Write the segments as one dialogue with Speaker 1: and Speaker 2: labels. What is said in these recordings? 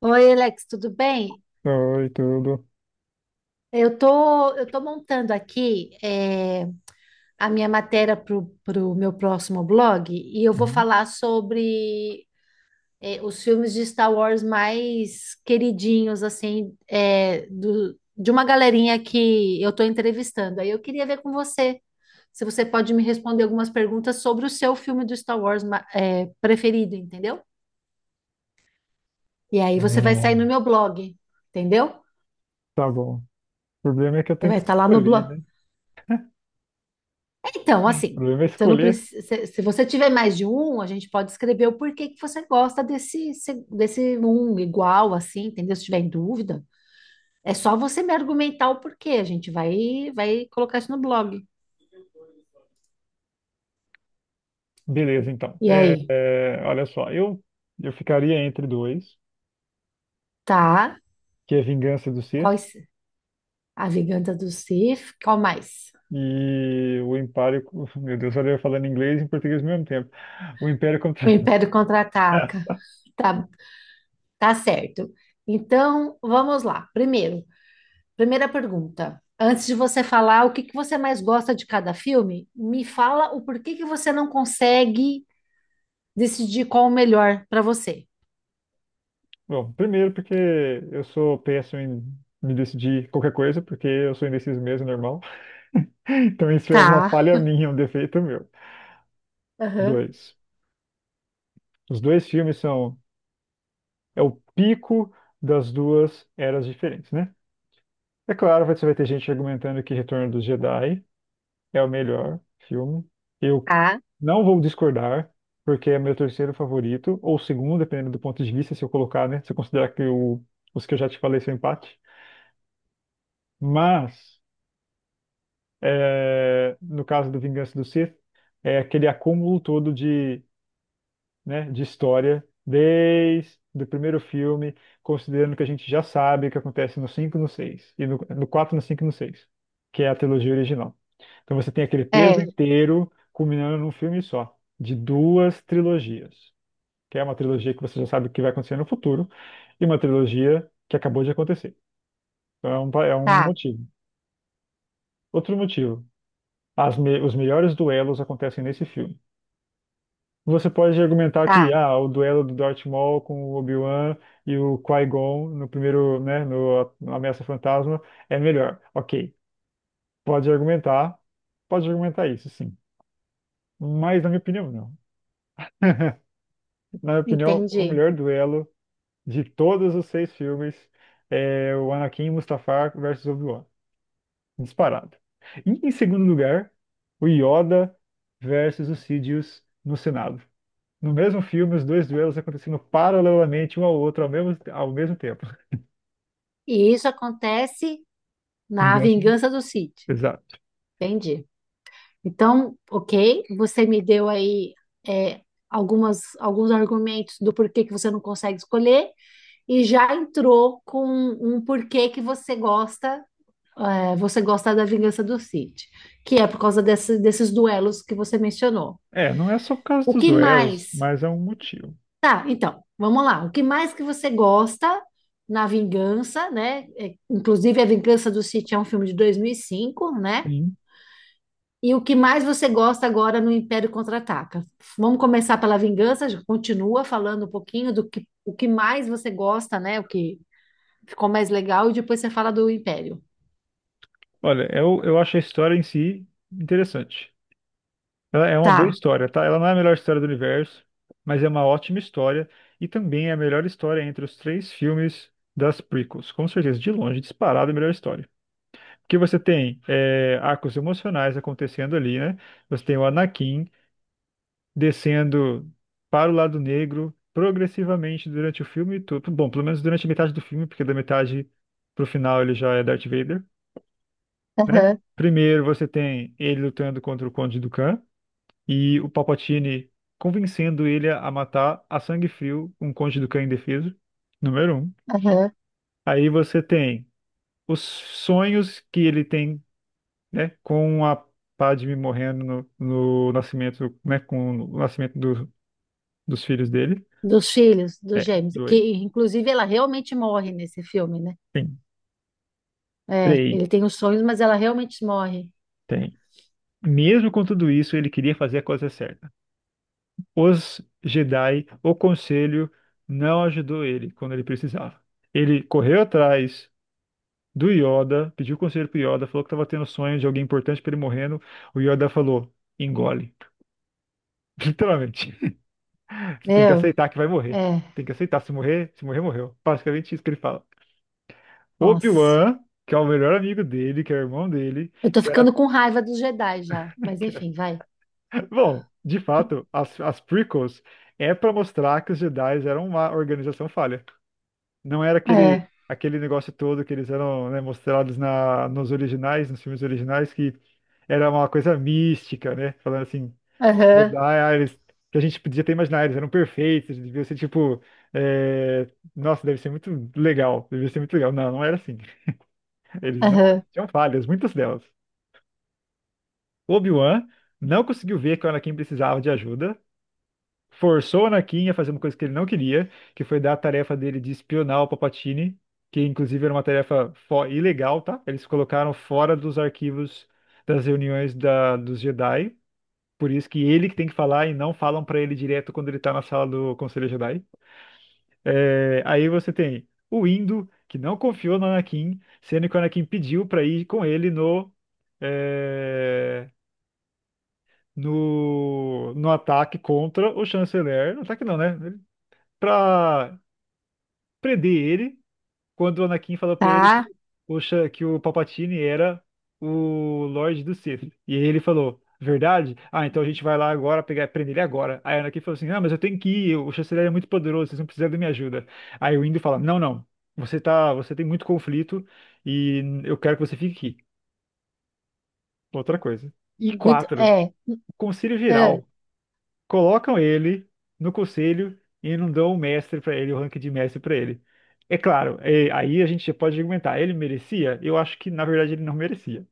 Speaker 1: Oi, Alex, tudo bem?
Speaker 2: Oi, tudo.
Speaker 1: Eu tô montando aqui a minha matéria para o meu próximo blog e eu vou
Speaker 2: Uhum.
Speaker 1: falar sobre os filmes de Star Wars mais queridinhos, assim, de uma galerinha que eu tô entrevistando. Aí eu queria ver com você se você pode me responder algumas perguntas sobre o seu filme do Star Wars preferido, entendeu? E aí
Speaker 2: É,
Speaker 1: você vai sair no meu blog, entendeu?
Speaker 2: Tá bom. O problema é que eu
Speaker 1: Você
Speaker 2: tenho
Speaker 1: vai
Speaker 2: que
Speaker 1: estar lá no
Speaker 2: escolher,
Speaker 1: blog.
Speaker 2: né?
Speaker 1: Então,
Speaker 2: O
Speaker 1: assim,
Speaker 2: problema é
Speaker 1: você não
Speaker 2: escolher.
Speaker 1: precisa, se você tiver mais de um, a gente pode escrever o porquê que você gosta desse, desse um igual, assim, entendeu? Se tiver em dúvida, é só você me argumentar o porquê. A gente vai colocar isso no blog.
Speaker 2: Beleza, então.
Speaker 1: E aí,
Speaker 2: Olha só, eu ficaria entre dois,
Speaker 1: tá?
Speaker 2: que é Vingança do Ser
Speaker 1: Quais, a Vingança do Sith, qual mais?
Speaker 2: e o Império. Meu Deus, olha eu falando inglês e em português ao mesmo tempo. O Império contra.
Speaker 1: O Império Contra-Ataca. Tá, tá certo. Então, vamos lá. Primeira pergunta. Antes de você falar o que que você mais gosta de cada filme, me fala o porquê que você não consegue decidir qual o melhor para você.
Speaker 2: Bom, primeiro porque eu sou péssimo em me decidir qualquer coisa, porque eu sou indeciso mesmo, normal. Então isso é uma
Speaker 1: Tá,
Speaker 2: falha minha, um defeito meu.
Speaker 1: aham.
Speaker 2: Dois. Os dois filmes são é o pico das duas eras diferentes, né? É claro, você vai ter gente argumentando que Retorno dos Jedi é o melhor filme. Eu
Speaker 1: Tá,
Speaker 2: não vou discordar, porque é meu terceiro favorito, ou segundo, dependendo do ponto de vista, se eu colocar, né? Se eu considerar que os que eu já te falei são empate. Mas, é, no caso do Vingança do Sith, é aquele acúmulo todo de né, de história desde o primeiro filme, considerando que a gente já sabe o que acontece no 5, no 6 e no 4, no 5, e no 6, que é a trilogia original. Então você tem aquele peso
Speaker 1: é,
Speaker 2: inteiro culminando num filme só, de duas trilogias, que é uma trilogia que você já sabe o que vai acontecer no futuro, e uma trilogia que acabou de acontecer. Então é é um
Speaker 1: tá,
Speaker 2: motivo. Outro motivo, os melhores duelos acontecem nesse filme. Você pode argumentar que
Speaker 1: tá.
Speaker 2: ah, o duelo do Darth Maul com o Obi-Wan e o Qui-Gon no primeiro, né, no Ameaça Fantasma é melhor. Ok, pode argumentar, pode argumentar isso, sim. Mas na minha opinião, não. Na minha opinião, o
Speaker 1: Entendi.
Speaker 2: melhor duelo de todos os seis filmes é o Anakin Mustafar versus Obi-Wan, disparado. E em segundo lugar, o Yoda versus o Sidious no Senado. No mesmo filme, os dois duelos acontecendo paralelamente um ao outro ao mesmo tempo.
Speaker 1: E isso acontece na
Speaker 2: Vingança.
Speaker 1: Vingança do Sith.
Speaker 2: Exato.
Speaker 1: Entendi. Então, ok, você me deu aí é, algumas, alguns argumentos do porquê que você não consegue escolher e já entrou com um porquê que você gosta, você gosta da Vingança do Cid, que é por causa desses duelos que você mencionou.
Speaker 2: É, não é só por causa
Speaker 1: O
Speaker 2: dos
Speaker 1: que
Speaker 2: duelos,
Speaker 1: mais?
Speaker 2: mas é um motivo.
Speaker 1: Tá, então, vamos lá. O que mais que você gosta na Vingança, né? É, inclusive, a Vingança do Cid é um filme de 2005, né?
Speaker 2: Sim.
Speaker 1: E o que mais você gosta agora no Império Contra-Ataca? Vamos começar pela Vingança, já continua falando um pouquinho do que, o que mais você gosta, né? O que ficou mais legal, e depois você fala do Império.
Speaker 2: Olha, eu acho a história em si interessante. Ela é uma boa
Speaker 1: Tá.
Speaker 2: história, tá? Ela não é a melhor história do universo, mas é uma ótima história e também é a melhor história entre os três filmes das prequels. Com certeza, de longe, disparada a melhor história. Porque você tem é, arcos emocionais acontecendo ali, né? Você tem o Anakin. Descendo para o lado negro progressivamente durante o filme todo. Bom, pelo menos durante a metade do filme, porque da metade pro final ele já é Darth Vader, né?
Speaker 1: Aham,
Speaker 2: Primeiro você tem ele lutando contra o Conde Dooku e o Palpatine convencendo ele a matar a sangue frio um Conde Dooku indefeso, número um.
Speaker 1: aham.
Speaker 2: Aí você tem os sonhos que ele tem, né, com a Padme morrendo no nascimento, né, com o nascimento dos filhos dele.
Speaker 1: Dos filhos, dos
Speaker 2: É,
Speaker 1: gêmeos, que
Speaker 2: dois.
Speaker 1: inclusive ela realmente morre nesse filme, né?
Speaker 2: Tem,
Speaker 1: É,
Speaker 2: três,
Speaker 1: ele tem os sonhos, mas ela realmente morre.
Speaker 2: tem. Mesmo com tudo isso, ele queria fazer a coisa certa. Os Jedi, o Conselho, não ajudou ele quando ele precisava. Ele correu atrás do Yoda, pediu conselho pro Yoda, falou que estava tendo sonho de alguém importante para ele morrendo. O Yoda falou: engole. Literalmente. Você tem que
Speaker 1: Meu,
Speaker 2: aceitar que vai morrer.
Speaker 1: é,
Speaker 2: Tem que aceitar. Se morrer, se morrer, morreu. Basicamente isso que ele fala.
Speaker 1: nossa.
Speaker 2: Obi-Wan, que é o melhor amigo dele, que é o irmão dele,
Speaker 1: Eu tô
Speaker 2: que era.
Speaker 1: ficando com raiva dos Jedi já, mas enfim, vai.
Speaker 2: Bom, de fato, as prequels é para mostrar que os Jedi eram uma organização falha. Não era
Speaker 1: É,
Speaker 2: aquele negócio todo que eles eram, né, mostrados nos originais, nos filmes originais, que era uma coisa mística, né? Falando assim, Jedi,
Speaker 1: aham,
Speaker 2: ah, eles, que a gente podia até imaginar, eles eram perfeitos, eles deviam ser tipo, é, nossa, deve ser muito legal, devia ser muito legal. Não, não era assim. Eles não,
Speaker 1: aham,
Speaker 2: eles tinham falhas, muitas delas. Obi-Wan não conseguiu ver que o Anakin precisava de ajuda, forçou o Anakin a fazer uma coisa que ele não queria, que foi dar a tarefa dele de espionar o Palpatine, que inclusive era uma tarefa ilegal, tá? Eles colocaram fora dos arquivos das reuniões dos Jedi, por isso que ele que tem que falar e não falam pra ele direto quando ele tá na sala do Conselho Jedi. É, aí você tem o Indo, que não confiou no Anakin, sendo que o Anakin pediu pra ir com ele no é, no, no ataque contra o chanceler. No ataque não, né? pra prender ele quando o Anakin fala pra ele que
Speaker 1: tá.
Speaker 2: o, que o Palpatine era o Lorde do Sith. E aí ele falou, verdade? Ah, então a gente vai lá agora pegar, prender ele agora. Aí o Anakin falou assim, ah, mas eu tenho que ir, o chanceler é muito poderoso, vocês não precisam da minha ajuda. Aí o Indo fala, não, não, você tá, você tem muito conflito e eu quero que você fique aqui. Outra coisa. E
Speaker 1: Muito,
Speaker 2: quatro,
Speaker 1: é.
Speaker 2: o Conselho
Speaker 1: É.
Speaker 2: Geral colocam ele no conselho e não dão o mestre para ele, o rank de mestre para ele. É claro, aí a gente pode argumentar, ele merecia? Eu acho que na verdade ele não merecia.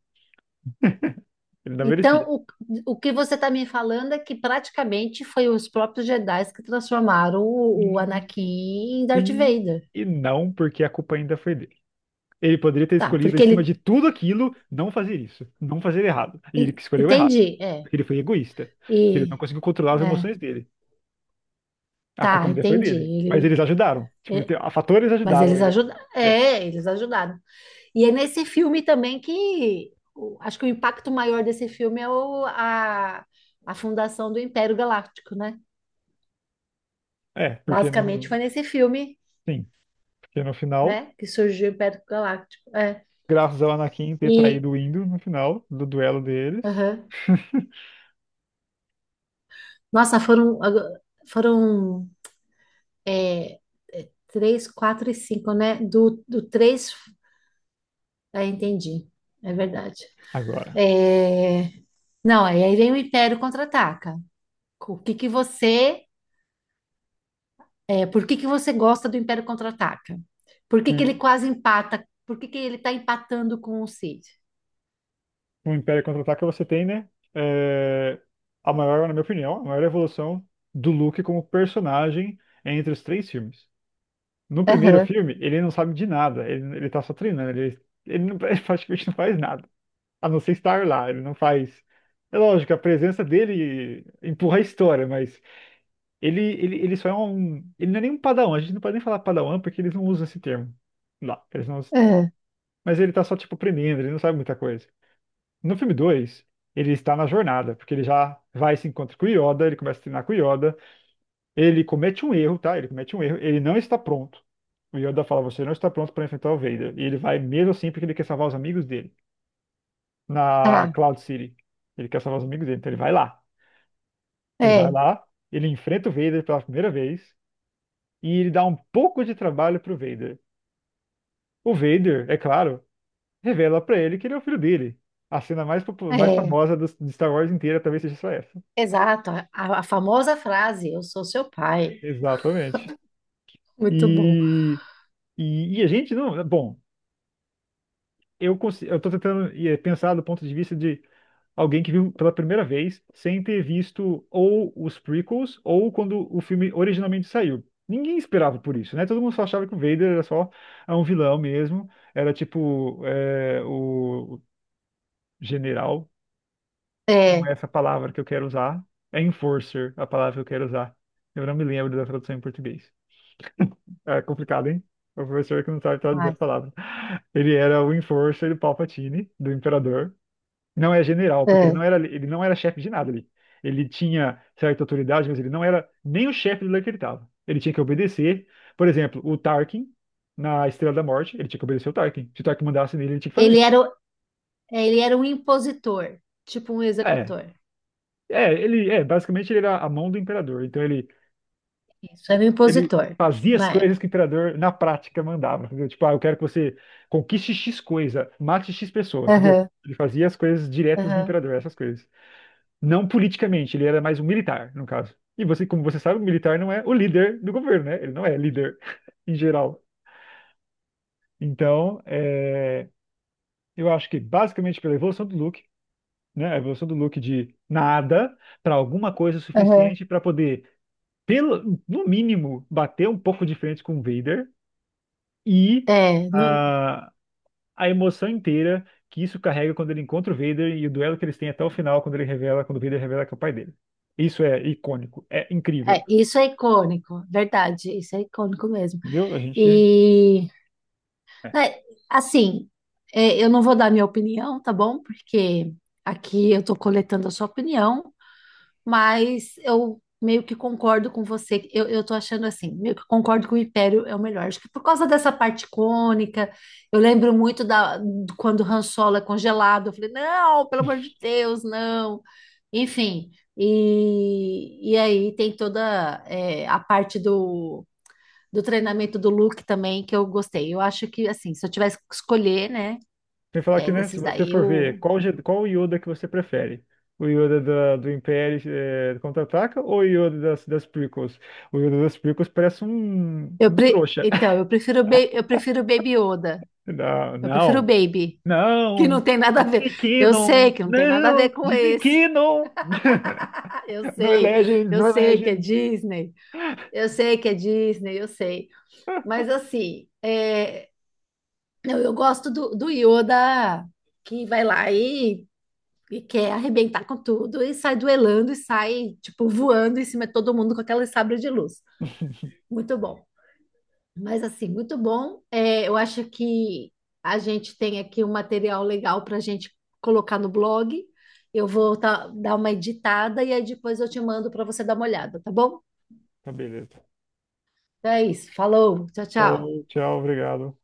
Speaker 2: Ele não
Speaker 1: Então,
Speaker 2: merecia.
Speaker 1: o que você tá me falando é que praticamente foi os próprios Jedi que transformaram o
Speaker 2: Hum,
Speaker 1: Anakin em Darth
Speaker 2: Sim
Speaker 1: Vader.
Speaker 2: e não, porque a culpa ainda foi dele. Ele poderia ter
Speaker 1: Tá,
Speaker 2: escolhido,
Speaker 1: porque ele.
Speaker 2: acima de tudo aquilo, não fazer isso, não fazer errado. E ele que escolheu errado,
Speaker 1: Entendi, é.
Speaker 2: porque ele foi egoísta, porque ele não
Speaker 1: E.
Speaker 2: conseguiu controlar as emoções
Speaker 1: É.
Speaker 2: dele. A culpa
Speaker 1: Tá,
Speaker 2: ainda foi
Speaker 1: entendi.
Speaker 2: dele, mas
Speaker 1: Ele,
Speaker 2: eles ajudaram. Tipo,
Speaker 1: é,
Speaker 2: a fatores
Speaker 1: mas
Speaker 2: ajudaram
Speaker 1: eles
Speaker 2: ele.
Speaker 1: ajudaram.
Speaker 2: É,
Speaker 1: É, eles ajudaram. E é nesse filme também que acho que o impacto maior desse filme é a fundação do Império Galáctico, né?
Speaker 2: é, porque
Speaker 1: Basicamente
Speaker 2: no,
Speaker 1: foi nesse filme,
Speaker 2: sim, porque no final
Speaker 1: né, que surgiu o Império Galáctico. É.
Speaker 2: graças ao Anakin ter
Speaker 1: E
Speaker 2: traído o Indo no final do duelo deles.
Speaker 1: aham. Nossa, foram é, é, três, quatro e cinco, né? Do, do três. É, entendi. É verdade.
Speaker 2: Agora,
Speaker 1: É, não, aí vem o Império Contra-Ataca. O que que você, por que que você gosta do Império Contra-Ataca? Por que que
Speaker 2: um
Speaker 1: ele quase empata? Por que que ele tá empatando com o Cid?
Speaker 2: um Império Contra-Ataca você tem, né? é, a maior, na minha opinião, a maior evolução do Luke como personagem entre os três filmes. No primeiro
Speaker 1: Aham,
Speaker 2: filme, ele não sabe de nada, ele tá só treinando, não, ele praticamente não faz nada, a não ser estar lá, ele não faz. É lógico, a presença dele empurra a história, mas ele só é um. Ele não é nem um padawan, a gente não pode nem falar padawan porque eles não usam esse termo. Lá, eles não usam esse termo.
Speaker 1: aham,
Speaker 2: Mas ele tá só, tipo, aprendendo, ele não sabe muita coisa. No filme 2, ele está na jornada, porque ele já vai e se encontra com o Yoda, ele começa a treinar com o Yoda, ele comete um erro, tá? Ele comete um erro, ele não está pronto. O Yoda fala, você não está pronto para enfrentar o Vader. E ele vai mesmo assim porque ele quer salvar os amigos dele. Na
Speaker 1: tá.
Speaker 2: Cloud City. Ele quer salvar os amigos dele, então ele vai lá. Ele vai
Speaker 1: É,
Speaker 2: lá, ele enfrenta o Vader pela primeira vez, e ele dá um pouco de trabalho pro Vader. O Vader, é claro, revela pra ele que ele é o filho dele. A cena mais, mais
Speaker 1: é,
Speaker 2: famosa do, de Star Wars inteira talvez seja só essa.
Speaker 1: exato. A famosa frase, eu sou seu pai.
Speaker 2: Exatamente.
Speaker 1: Muito bom.
Speaker 2: E, e a gente não. Bom, eu, eu tô tentando pensar do ponto de vista de alguém que viu pela primeira vez sem ter visto ou os prequels ou quando o filme originalmente saiu. Ninguém esperava por isso, né? Todo mundo só achava que o Vader era só ah, um vilão mesmo. Era tipo o general, não
Speaker 1: É,
Speaker 2: é essa a palavra que eu quero usar, é enforcer a palavra que eu quero usar. Eu não me lembro da tradução em português. É complicado, hein? O professor que não sabe traduzir a
Speaker 1: mas,
Speaker 2: palavra. Ele era o enforcer do Palpatine, do imperador. Não é general, porque
Speaker 1: é.
Speaker 2: ele não era chefe de nada ali. Ele tinha certa autoridade, mas ele não era nem o chefe do lugar que ele estava. Ele tinha que obedecer. Por exemplo, o Tarkin, na Estrela da Morte, ele tinha que obedecer o Tarkin. Se o Tarkin mandasse nele, ele tinha que
Speaker 1: Ele
Speaker 2: fazer.
Speaker 1: era, o- ele era um impositor, tipo um
Speaker 2: É,
Speaker 1: executor.
Speaker 2: é, ele é basicamente ele era a mão do imperador. Então ele
Speaker 1: Isso, era um
Speaker 2: ele
Speaker 1: impositor
Speaker 2: fazia as
Speaker 1: na época.
Speaker 2: coisas que o imperador na prática mandava, entendeu? Tipo, ah, eu quero que você conquiste X coisa, mate X pessoa, entendeu?
Speaker 1: Aham,
Speaker 2: Ele fazia as coisas diretas do
Speaker 1: aham,
Speaker 2: imperador, essas coisas. Não politicamente, ele era mais um militar, no caso. E você, como você sabe, o militar não é o líder do governo, né? Ele não é líder em geral. Então, é, eu acho que basicamente pela evolução do Luke, né? A evolução do Luke de nada para alguma coisa
Speaker 1: aham.
Speaker 2: suficiente para poder, pelo, no mínimo, bater um pouco de frente com o Vader e
Speaker 1: É,
Speaker 2: a, a emoção inteira que isso carrega quando ele encontra o Vader e o duelo que eles têm até o final quando ele revela, quando o Vader revela que é o pai dele. Isso é icônico, é
Speaker 1: é,
Speaker 2: incrível,
Speaker 1: isso é icônico, verdade, isso é icônico mesmo.
Speaker 2: entendeu? A gente
Speaker 1: E, né, assim, é, eu não vou dar minha opinião, tá bom? Porque aqui eu tô coletando a sua opinião, mas eu meio que concordo com você. Eu tô achando assim, meio que concordo que o Império é o melhor. Acho que por causa dessa parte icônica, eu lembro muito quando o Han Solo é congelado. Eu falei, não, pelo amor de Deus, não. Enfim, e aí tem toda a parte do, do treinamento do Luke também que eu gostei. Eu acho que, assim, se eu tivesse que escolher, né,
Speaker 2: tem que falar
Speaker 1: é,
Speaker 2: que, né, se
Speaker 1: desses
Speaker 2: você
Speaker 1: daí,
Speaker 2: for ver qual, qual Yoda que você prefere, o Yoda do Império Contra-Ataca ou o Yoda das prequels? O Yoda das prequels parece um trouxa.
Speaker 1: eu prefiro, eu prefiro o Baby Yoda.
Speaker 2: Não,
Speaker 1: Eu prefiro o
Speaker 2: não,
Speaker 1: Baby. Que não
Speaker 2: não,
Speaker 1: tem nada a ver.
Speaker 2: Disney
Speaker 1: Eu sei
Speaker 2: Canon,
Speaker 1: que não tem nada a ver com
Speaker 2: Disney
Speaker 1: esse.
Speaker 2: Canon,
Speaker 1: Eu
Speaker 2: não é
Speaker 1: sei,
Speaker 2: Legends,
Speaker 1: eu
Speaker 2: não é
Speaker 1: sei que é
Speaker 2: Legends.
Speaker 1: Disney, eu sei que é Disney, eu sei. Mas assim, é, não, eu gosto do, do Yoda que vai lá e quer arrebentar com tudo e sai duelando e sai, tipo, voando em cima de todo mundo com aquela sabre de luz. Muito bom. Mas assim, muito bom. É, eu acho que a gente tem aqui um material legal para a gente colocar no blog. Eu vou dar uma editada e aí depois eu te mando para você dar uma olhada, tá bom?
Speaker 2: Tá beleza.
Speaker 1: Então é isso. Falou, tchau, tchau.
Speaker 2: Falou, tchau, obrigado.